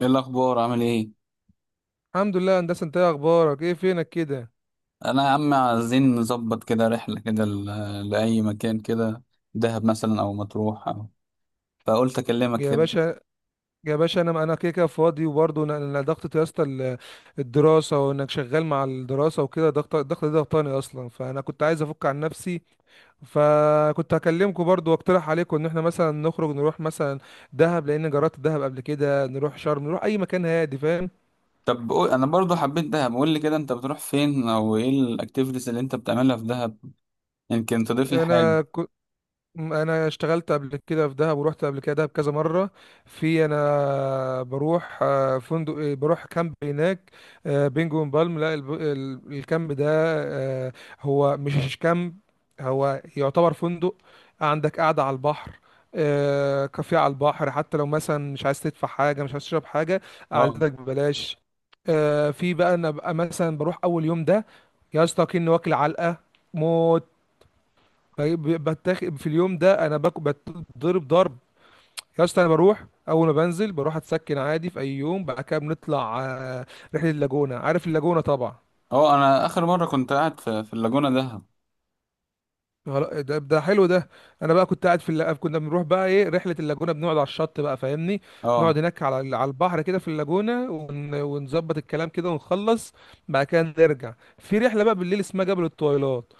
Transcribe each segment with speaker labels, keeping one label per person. Speaker 1: ايه الاخبار عامل ايه؟
Speaker 2: الحمد لله يا هندسه، انت ايه اخبارك؟ ايه فينك كده؟
Speaker 1: انا يا عم عايزين نظبط كده رحله كده لاي مكان كده. دهب مثلا او مطروح أو. فقلت اكلمك
Speaker 2: يا
Speaker 1: كده.
Speaker 2: باشا، يا باشا، انا كده فاضي، وبرضه انا ضغطة يا اسطى. الدراسه، وانك شغال مع الدراسه وكده ضغط. الضغط ده ضغطاني اصلا، فانا كنت عايز افك عن نفسي. فكنت هكلمكم برضو واقترح عليكم ان احنا مثلا نخرج، نروح مثلا دهب، لان جربت دهب قبل كده. نروح شرم، نروح اي مكان هادي، فاهم؟
Speaker 1: انا برضو حبيت دهب، قول لي كده انت بتروح فين او ايه الاكتيفيتيز اللي انت بتعملها في دهب؟ يمكن تضيف لي حاجه.
Speaker 2: انا انا اشتغلت قبل كده في دهب، ورحت قبل كده دهب كذا مره. في انا بروح فندق، بروح كامب هناك. بينجو بالم، لا الكامب ده. هو مش كامب، هو يعتبر فندق. عندك قاعده على البحر، كافيه على البحر. حتى لو مثلا مش عايز تدفع حاجه، مش عايز تشرب حاجه،
Speaker 1: اه.
Speaker 2: قعدتك ببلاش. في بقى انا بقى مثلا بروح اول يوم ده يا اسطى كأني واكل علقه موت. فبتاخد في اليوم ده انا باكل بتضرب ضرب يا اسطى. انا بروح اول ما بنزل بروح اتسكن عادي، في اي يوم بعد كده بنطلع رحله اللاجونه. عارف اللاجونه طبعا.
Speaker 1: اه، انا اخر مره كنت قاعد في اللاجونه دهب.
Speaker 2: ده حلو ده. انا بقى كنت قاعد في كنا بنروح بقى ايه رحله اللاجونه، بنقعد على الشط بقى، فاهمني؟
Speaker 1: اه
Speaker 2: نقعد هناك على على البحر كده في اللاجونه، ونظبط الكلام كده ونخلص. بعد كده نرجع في رحله بقى بالليل اسمها جبل الطويلات.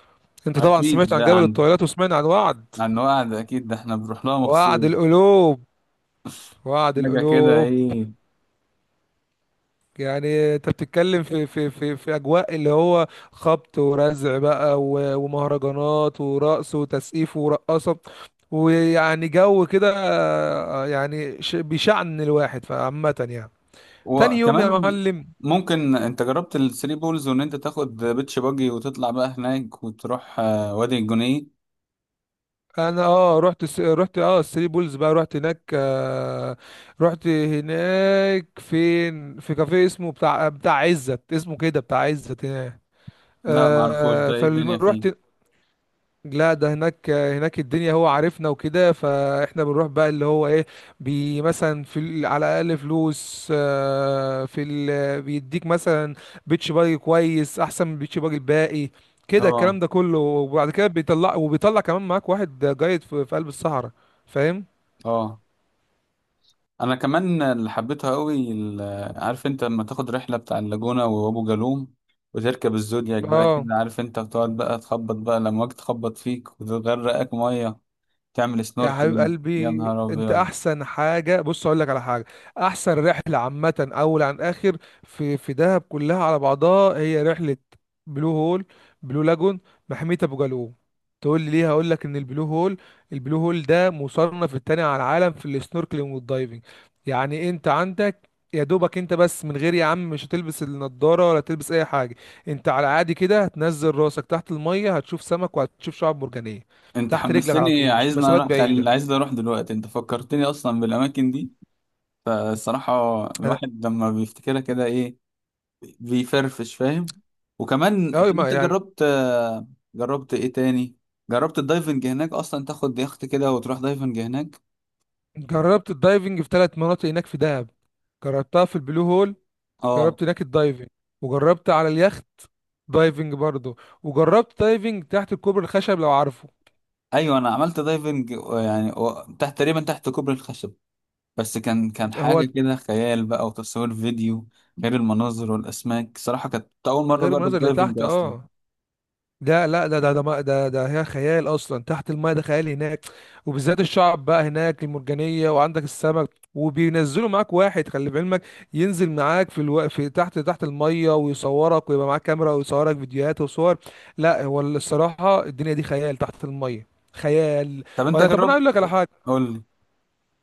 Speaker 2: انت طبعا سمعت
Speaker 1: اكيد
Speaker 2: عن
Speaker 1: ده
Speaker 2: جبل
Speaker 1: عن،
Speaker 2: الطويلات، وسمعت عن وعد.
Speaker 1: عن وعد، اكيد ده احنا بنروح لها
Speaker 2: وعد
Speaker 1: مخصوص.
Speaker 2: القلوب وعد
Speaker 1: حاجه كده
Speaker 2: القلوب
Speaker 1: ايه؟
Speaker 2: يعني انت بتتكلم في اجواء اللي هو خبط ورزع بقى ومهرجانات ورقص وتسقيف ورقصه. ويعني جو كده يعني بيشعن الواحد، فعامة يعني. تاني يوم يا
Speaker 1: وكمان
Speaker 2: معلم،
Speaker 1: ممكن انت جربت الثري بولز، وان انت تاخد بيتش باجي وتطلع بقى هناك وتروح وادي الجنيه.
Speaker 2: انا اه رحت اه الثري بولز بقى، رحت هناك آه. رحت هناك فين؟ في كافيه اسمه بتاع بتاع عزت، اسمه كده بتاع عزت هناك.
Speaker 1: لا معرفوش ده، ايه الدنيا فيه؟
Speaker 2: فرحت. لا ده هناك، هناك الدنيا هو عارفنا وكده، فاحنا بنروح بقى اللي هو ايه، بي مثلا في على الاقل فلوس، في ال بيديك مثلا. بيتش باجي كويس احسن من بيتش باجي الباقي كده.
Speaker 1: اه.
Speaker 2: الكلام ده كله، وبعد كده بيطلع، وبيطلع كمان معاك واحد جايد في قلب الصحراء، فاهم؟
Speaker 1: اه انا كمان اللي حبيتها قوي عارف انت لما تاخد رحله بتاع اللاجونه وابو جالوم، وتركب الزودياك بقى
Speaker 2: اه.
Speaker 1: كده، عارف انت بتقعد بقى تخبط بقى لما واجي تخبط فيك وتغرقك ميه. تعمل
Speaker 2: يا حبيب
Speaker 1: سنوركلينج. يا
Speaker 2: قلبي،
Speaker 1: نهار
Speaker 2: انت
Speaker 1: ابيض،
Speaker 2: احسن حاجه، بص اقول لك على حاجه. احسن رحله عامه، اول عن اخر، في في دهب كلها على بعضها هي رحله بلو هول، بلو لاجون، محميه ابو جالوم. تقول لي ليه؟ هقول لك ان البلو هول ده مصنف التاني على العالم في السنوركلينج والدايفنج. يعني انت عندك يا دوبك انت بس، من غير يا عم مش هتلبس النضاره ولا تلبس اي حاجه. انت على عادي كده، هتنزل راسك تحت الميه، هتشوف سمك وهتشوف شعاب مرجانيه
Speaker 1: انت
Speaker 2: تحت رجلك على
Speaker 1: حمستني،
Speaker 2: طول، مش
Speaker 1: عايزني
Speaker 2: مسافات
Speaker 1: اروح
Speaker 2: بعيده.
Speaker 1: عايز اروح دلوقتي، انت فكرتني اصلا بالاماكن دي. فالصراحة
Speaker 2: انا
Speaker 1: الواحد لما بيفتكرها كده ايه، بيفرفش، فاهم؟ وكمان
Speaker 2: اه
Speaker 1: طب
Speaker 2: ما
Speaker 1: انت
Speaker 2: يعني
Speaker 1: جربت، جربت ايه تاني؟ جربت الدايفنج هناك اصلا؟ تاخد يخت كده وتروح دايفنج هناك.
Speaker 2: جربت الدايفنج في ثلاث مناطق هناك في دهب. جربتها في البلو هول،
Speaker 1: اه
Speaker 2: جربت هناك الدايفنج، وجربت على اليخت دايفنج برضه، وجربت دايفنج تحت الكوبري الخشب لو عارفه.
Speaker 1: ايوه انا عملت دايفنج، يعني تحت، تقريبا تحت كوبري الخشب. بس كان حاجة
Speaker 2: هو
Speaker 1: كده خيال بقى، وتصوير فيديو. غير المناظر والاسماك، صراحة كانت اول مرة
Speaker 2: غير
Speaker 1: اجرب
Speaker 2: المناظر اللي
Speaker 1: دايفنج
Speaker 2: تحت
Speaker 1: اصلا.
Speaker 2: اه. ده لا ده ده ده ما- ده ده هي خيال اصلا تحت الماء، ده خيال هناك. وبالذات الشعب بقى هناك المرجانيه، وعندك السمك، وبينزلوا معاك واحد خلي بعلمك، ينزل معاك في في تحت الميه ويصورك، ويبقى معاك كاميرا ويصورك فيديوهات وصور. لا هو الصراحه الدنيا دي خيال تحت الميه، خيال.
Speaker 1: طب انت
Speaker 2: وانا طب انا
Speaker 1: جربت؟
Speaker 2: اقول لك على حاجه.
Speaker 1: قول لي.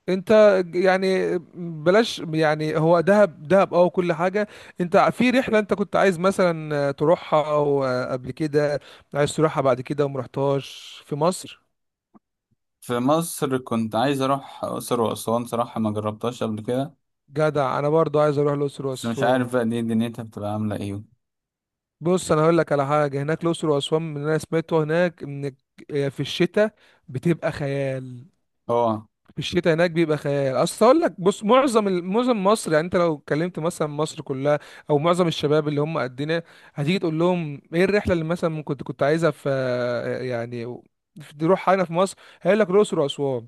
Speaker 2: انت يعني بلاش يعني، هو دهب دهب اه كل حاجه. انت في رحله انت كنت عايز مثلا تروحها او قبل كده، عايز تروحها بعد كده، وما رحتهاش في مصر؟
Speaker 1: في مصر كنت عايز اروح اقصر واسوان، صراحة ما جربتهاش قبل كده.
Speaker 2: جدع، انا برضو عايز اروح الاقصر
Speaker 1: بس مش
Speaker 2: واسوان.
Speaker 1: عارف بقى دي دنيتها بتبقى عاملة ايه.
Speaker 2: بص انا هقول لك على حاجه، هناك الاقصر واسوان من اللي انا سمعته هناك ان في الشتاء بتبقى خيال.
Speaker 1: اه،
Speaker 2: في الشتاء هناك بيبقى خيال، اصل اقول لك بص، معظم معظم مصر، يعني انت لو اتكلمت مثلا مصر كلها او معظم الشباب اللي هم قدنا، هتيجي تقول لهم ايه الرحله اللي مثلا ممكن كنت عايزها في يعني، تروح هنا في مصر، هيقول لك الاقصر واسوان.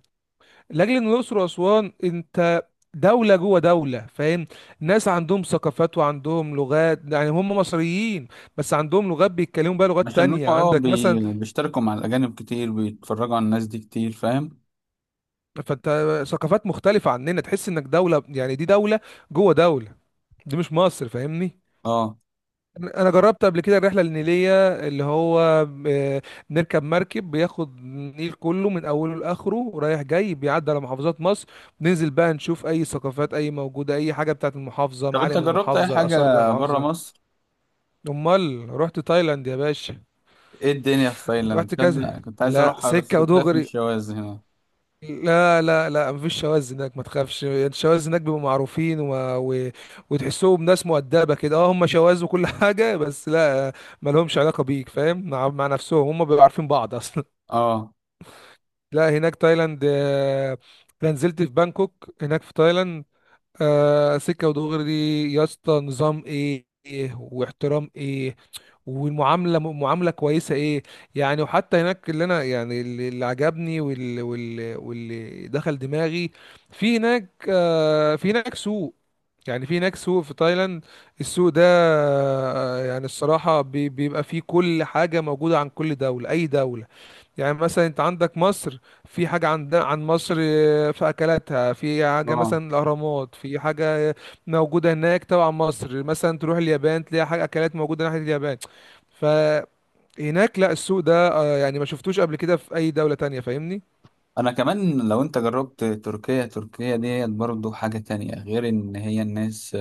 Speaker 2: لاجل ان الاقصر واسوان انت دوله جوه دوله، فاهم؟ ناس عندهم ثقافات وعندهم لغات، يعني هم مصريين بس عندهم لغات بيتكلموا بقى لغات
Speaker 1: عشان هم
Speaker 2: تانية.
Speaker 1: اه
Speaker 2: عندك مثلا
Speaker 1: بيشتركوا مع الأجانب كتير، بيتفرجوا على الناس دي كتير، فاهم؟
Speaker 2: فانت ثقافات مختلفه عننا، تحس انك دوله، يعني دي دوله جوه دوله، دي مش مصر، فاهمني؟
Speaker 1: اه.
Speaker 2: انا جربت قبل كده الرحله النيليه، اللي هو آه، بنركب مركب بياخد النيل كله من اوله لاخره رايح جاي، بيعدي على محافظات مصر، بننزل بقى نشوف اي ثقافات، اي موجوده، اي حاجه بتاعت المحافظه،
Speaker 1: طب انت
Speaker 2: معالم
Speaker 1: جربت أي
Speaker 2: المحافظه،
Speaker 1: حاجة
Speaker 2: الاثار بتاع
Speaker 1: برا
Speaker 2: المحافظه.
Speaker 1: مصر؟
Speaker 2: امال رحت تايلاند يا باشا،
Speaker 1: ايه الدنيا في تايلاند؟
Speaker 2: رحت
Speaker 1: تصدق
Speaker 2: كذا،
Speaker 1: كنت عايز
Speaker 2: لا
Speaker 1: أروحها، بس
Speaker 2: سكه
Speaker 1: كنت خايف من
Speaker 2: ودغري.
Speaker 1: الشواذ هنا.
Speaker 2: لا مفيش شواذ هناك، ما تخافش، الشواذ هناك بيبقوا معروفين وتحسهم ناس مؤدبه كده. اه هم شواذ وكل حاجه، بس لا، ما لهمش علاقه بيك، فاهم؟ مع نفسهم هم بيبقوا عارفين بعض اصلا.
Speaker 1: اه.
Speaker 2: لا هناك تايلاند. انا نزلت في بانكوك هناك في تايلاند. سكه ودغري. يا اسطى نظام ايه، إيه واحترام ايه، والمعامله معامله كويسه ايه. يعني وحتى هناك اللي انا يعني اللي عجبني واللي دخل دماغي، في هناك في هناك سوق، يعني في هناك سوق في تايلاند. السوق ده يعني الصراحه بيبقى فيه كل حاجه موجوده عن كل دوله، اي دوله. يعني مثلا انت عندك مصر، في حاجة عندنا عن مصر، في أكلاتها، في حاجة
Speaker 1: اه
Speaker 2: مثلا الأهرامات، في حاجة موجودة هناك تبع مصر. مثلا تروح اليابان، تلاقي حاجة أكلات موجودة ناحية اليابان. فهناك لا السوق ده يعني ما شفتوش قبل كده في أي دولة تانية، فاهمني؟
Speaker 1: أنا كمان، لو انت جربت تركيا، تركيا ديت برضو حاجة تانية، غير إن هي الناس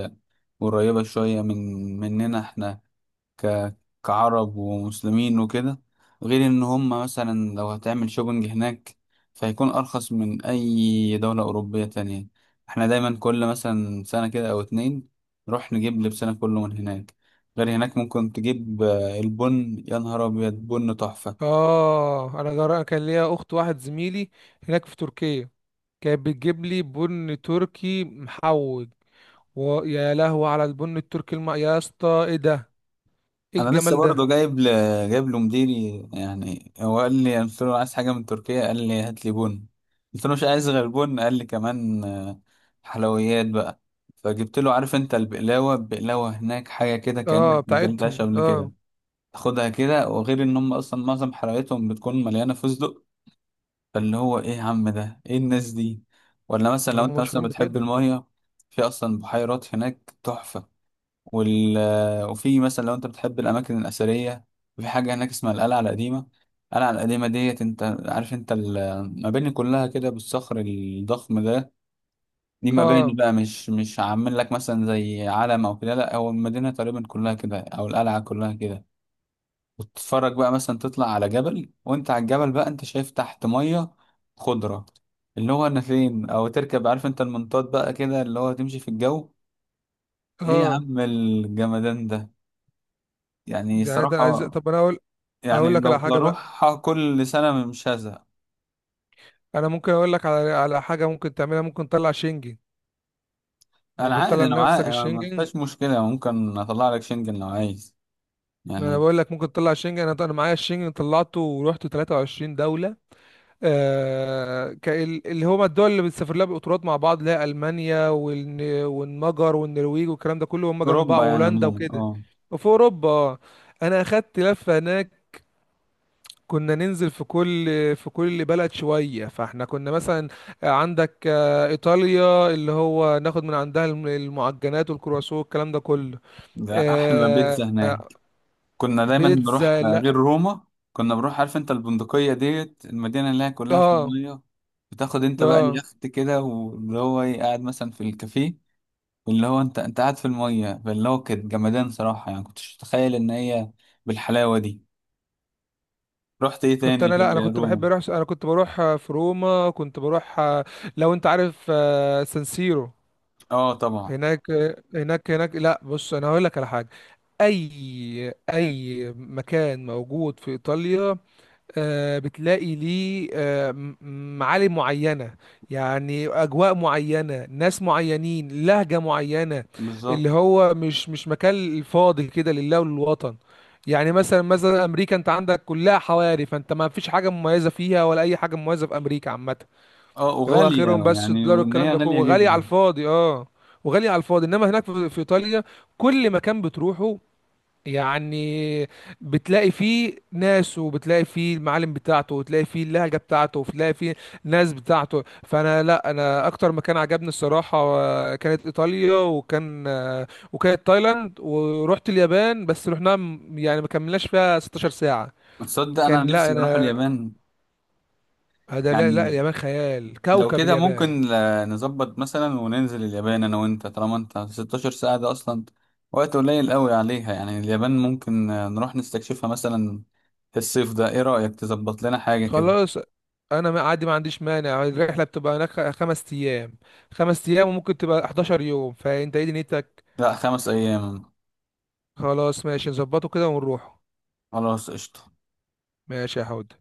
Speaker 1: قريبة شوية من، مننا احنا ك... كعرب ومسلمين وكده. غير ان هم مثلا لو هتعمل شوبنج هناك، فهيكون ارخص من اي دولة اوروبية تانية. احنا دايما كل مثلا سنة كده او اتنين نروح نجيب لبسنا كله من هناك. غير هناك ممكن تجيب البن، يا نهار ابيض، بن تحفة.
Speaker 2: آه أنا جرى كان ليا أخت واحد زميلي هناك في تركيا، كانت بتجيب لي بن تركي محوج. ويا لهوي على البن التركي يا اسطى ايه ده، ايه
Speaker 1: انا لسه
Speaker 2: الجمال ده.
Speaker 1: برضه جايب له مديري، يعني هو قال لي، قلت له عايز حاجه من تركيا، قال لي هات لي بن، قلت له مش عايز غير بن، قال لي كمان حلويات بقى. فجبت له، عارف انت البقلاوه، البقلاوه هناك حاجه كده كانك
Speaker 2: اه
Speaker 1: ما
Speaker 2: بتاعتهم
Speaker 1: اكلتهاش قبل
Speaker 2: اه،
Speaker 1: كده. تاخدها كده، وغير ان هم اصلا معظم حلوياتهم بتكون مليانه فستق. فاللي هو ايه يا عم، ده ايه الناس دي؟ ولا مثلا لو
Speaker 2: هم
Speaker 1: انت مثلا
Speaker 2: مشهورين
Speaker 1: بتحب
Speaker 2: بكده.
Speaker 1: الميه، في اصلا بحيرات هناك تحفه. وال... وفي مثلا لو انت بتحب الاماكن الاثريه، في حاجه هناك اسمها القلعه القديمه. القلعه القديمه ديت، انت عارف انت المباني كلها كده بالصخر الضخم ده، دي مباني
Speaker 2: اه
Speaker 1: بقى، مش عامل لك مثلا زي علم او كده، لا هو المدينه تقريبا كلها كده، او القلعه كلها كده. وتتفرج بقى مثلا تطلع على جبل، وانت على الجبل بقى انت شايف تحت ميه خضره. اللي هو انا فين، او تركب عارف انت المنطاد بقى كده اللي هو تمشي في الجو. ايه يا
Speaker 2: اه
Speaker 1: عم الجمدان ده؟ يعني
Speaker 2: يعني ده عايز،
Speaker 1: صراحة
Speaker 2: طب انا اقول،
Speaker 1: يعني
Speaker 2: اقول لك على
Speaker 1: لو
Speaker 2: حاجه بقى.
Speaker 1: اروح كل سنة مش هزهق.
Speaker 2: انا ممكن اقول لك على على حاجه ممكن تعملها، ممكن تطلع شنجن،
Speaker 1: انا
Speaker 2: ممكن تطلع
Speaker 1: عادي، انا
Speaker 2: لنفسك
Speaker 1: معايا، يعني ما
Speaker 2: الشنجن.
Speaker 1: فيهاش مشكلة، يعني ممكن اطلع لك شنجن لو عايز،
Speaker 2: ما انا
Speaker 1: يعني.
Speaker 2: بقول لك ممكن تطلع شنجن، انا معايا الشنجن، طلعته ورحت 23 دوله. آه اللي هما الدول اللي بتسافر لها بالقطارات مع بعض، اللي هي المانيا والمجر والنرويج والكلام ده كله، هم جنب بعض،
Speaker 1: اوروبا يعني
Speaker 2: وهولندا
Speaker 1: عموما،
Speaker 2: وكده.
Speaker 1: اه.
Speaker 2: وفي اوروبا آه. انا اخدت لفه هناك، كنا ننزل في كل في كل بلد شوية، فاحنا كنا مثلا عندك إيطاليا، اللي هو ناخد من عندها المعجنات والكرواسون والكلام ده كله.
Speaker 1: ده احلى
Speaker 2: آه،
Speaker 1: بيتزا
Speaker 2: آه،
Speaker 1: هناك. كنا دايما
Speaker 2: بيتزا،
Speaker 1: بنروح
Speaker 2: لا.
Speaker 1: غير روما، كنا بنروح عارف انت البندقية ديت، المدينة اللي هي كلها في
Speaker 2: اه
Speaker 1: المية. بتاخد انت بقى
Speaker 2: اه
Speaker 1: اليخت كده واللي هو ايه قاعد مثلا في الكافيه، واللي هو انت، انت قاعد في المية، فاللي هو كانت جمدان صراحة، يعني كنتش متخيل ان هي بالحلاوة دي. رحت ايه
Speaker 2: كنت
Speaker 1: تاني
Speaker 2: انا لا انا
Speaker 1: غير
Speaker 2: كنت بحب
Speaker 1: روما؟
Speaker 2: اروح، انا كنت بروح في روما، كنت بروح لو انت عارف سانسيرو.
Speaker 1: اه طبعا.
Speaker 2: هناك هناك هناك لا بص، انا هقول لك على حاجة. اي اي مكان موجود في ايطاليا بتلاقي ليه معالم معينة، يعني أجواء معينة، ناس معينين، لهجة معينة.
Speaker 1: بالظبط.
Speaker 2: اللي هو مش مش مكان فاضي كده لله وللوطن. يعني مثلا مثلا أمريكا، أنت عندك كلها حواري، فأنت ما فيش حاجة مميزة فيها ولا أي حاجة مميزة في أمريكا عامة.
Speaker 1: اه
Speaker 2: هو
Speaker 1: وغالية.
Speaker 2: آخرهم بس
Speaker 1: يعني
Speaker 2: الدولار
Speaker 1: وان هي
Speaker 2: والكلام ده كله،
Speaker 1: غالية
Speaker 2: وغالي على
Speaker 1: جدا.
Speaker 2: الفاضي، أه وغالي على الفاضي. إنما هناك في في إيطاليا، كل مكان بتروحه يعني، بتلاقي فيه ناس، وبتلاقي فيه المعالم بتاعته، وتلاقي فيه اللهجة بتاعته، وتلاقي فيه ناس بتاعته. فانا لا انا اكتر مكان عجبني الصراحة كانت ايطاليا، وكان وكانت تايلاند. ورحت اليابان بس رحنا يعني ما كملناش فيها 16 ساعة.
Speaker 1: تصدق انا
Speaker 2: كان لا
Speaker 1: نفسي اروح
Speaker 2: انا،
Speaker 1: اليابان.
Speaker 2: هذا لا
Speaker 1: يعني
Speaker 2: اليابان خيال،
Speaker 1: لو
Speaker 2: كوكب
Speaker 1: كده
Speaker 2: اليابان.
Speaker 1: ممكن نظبط مثلا وننزل اليابان انا وانت، طالما انت 16 ساعة ده اصلا وقت قليل قوي عليها، يعني اليابان ممكن نروح نستكشفها مثلا في الصيف ده. ايه رأيك تظبط لنا حاجة كده؟
Speaker 2: خلاص، انا ما عادي، ما عنديش مانع. الرحله بتبقى هناك 5 ايام، 5 ايام وممكن تبقى 11 يوم، فانت ايه دنيتك؟
Speaker 1: لا 5 ايام.
Speaker 2: خلاص ماشي نظبطه كده ونروحه.
Speaker 1: خلاص قشطة.
Speaker 2: ماشي يا حود.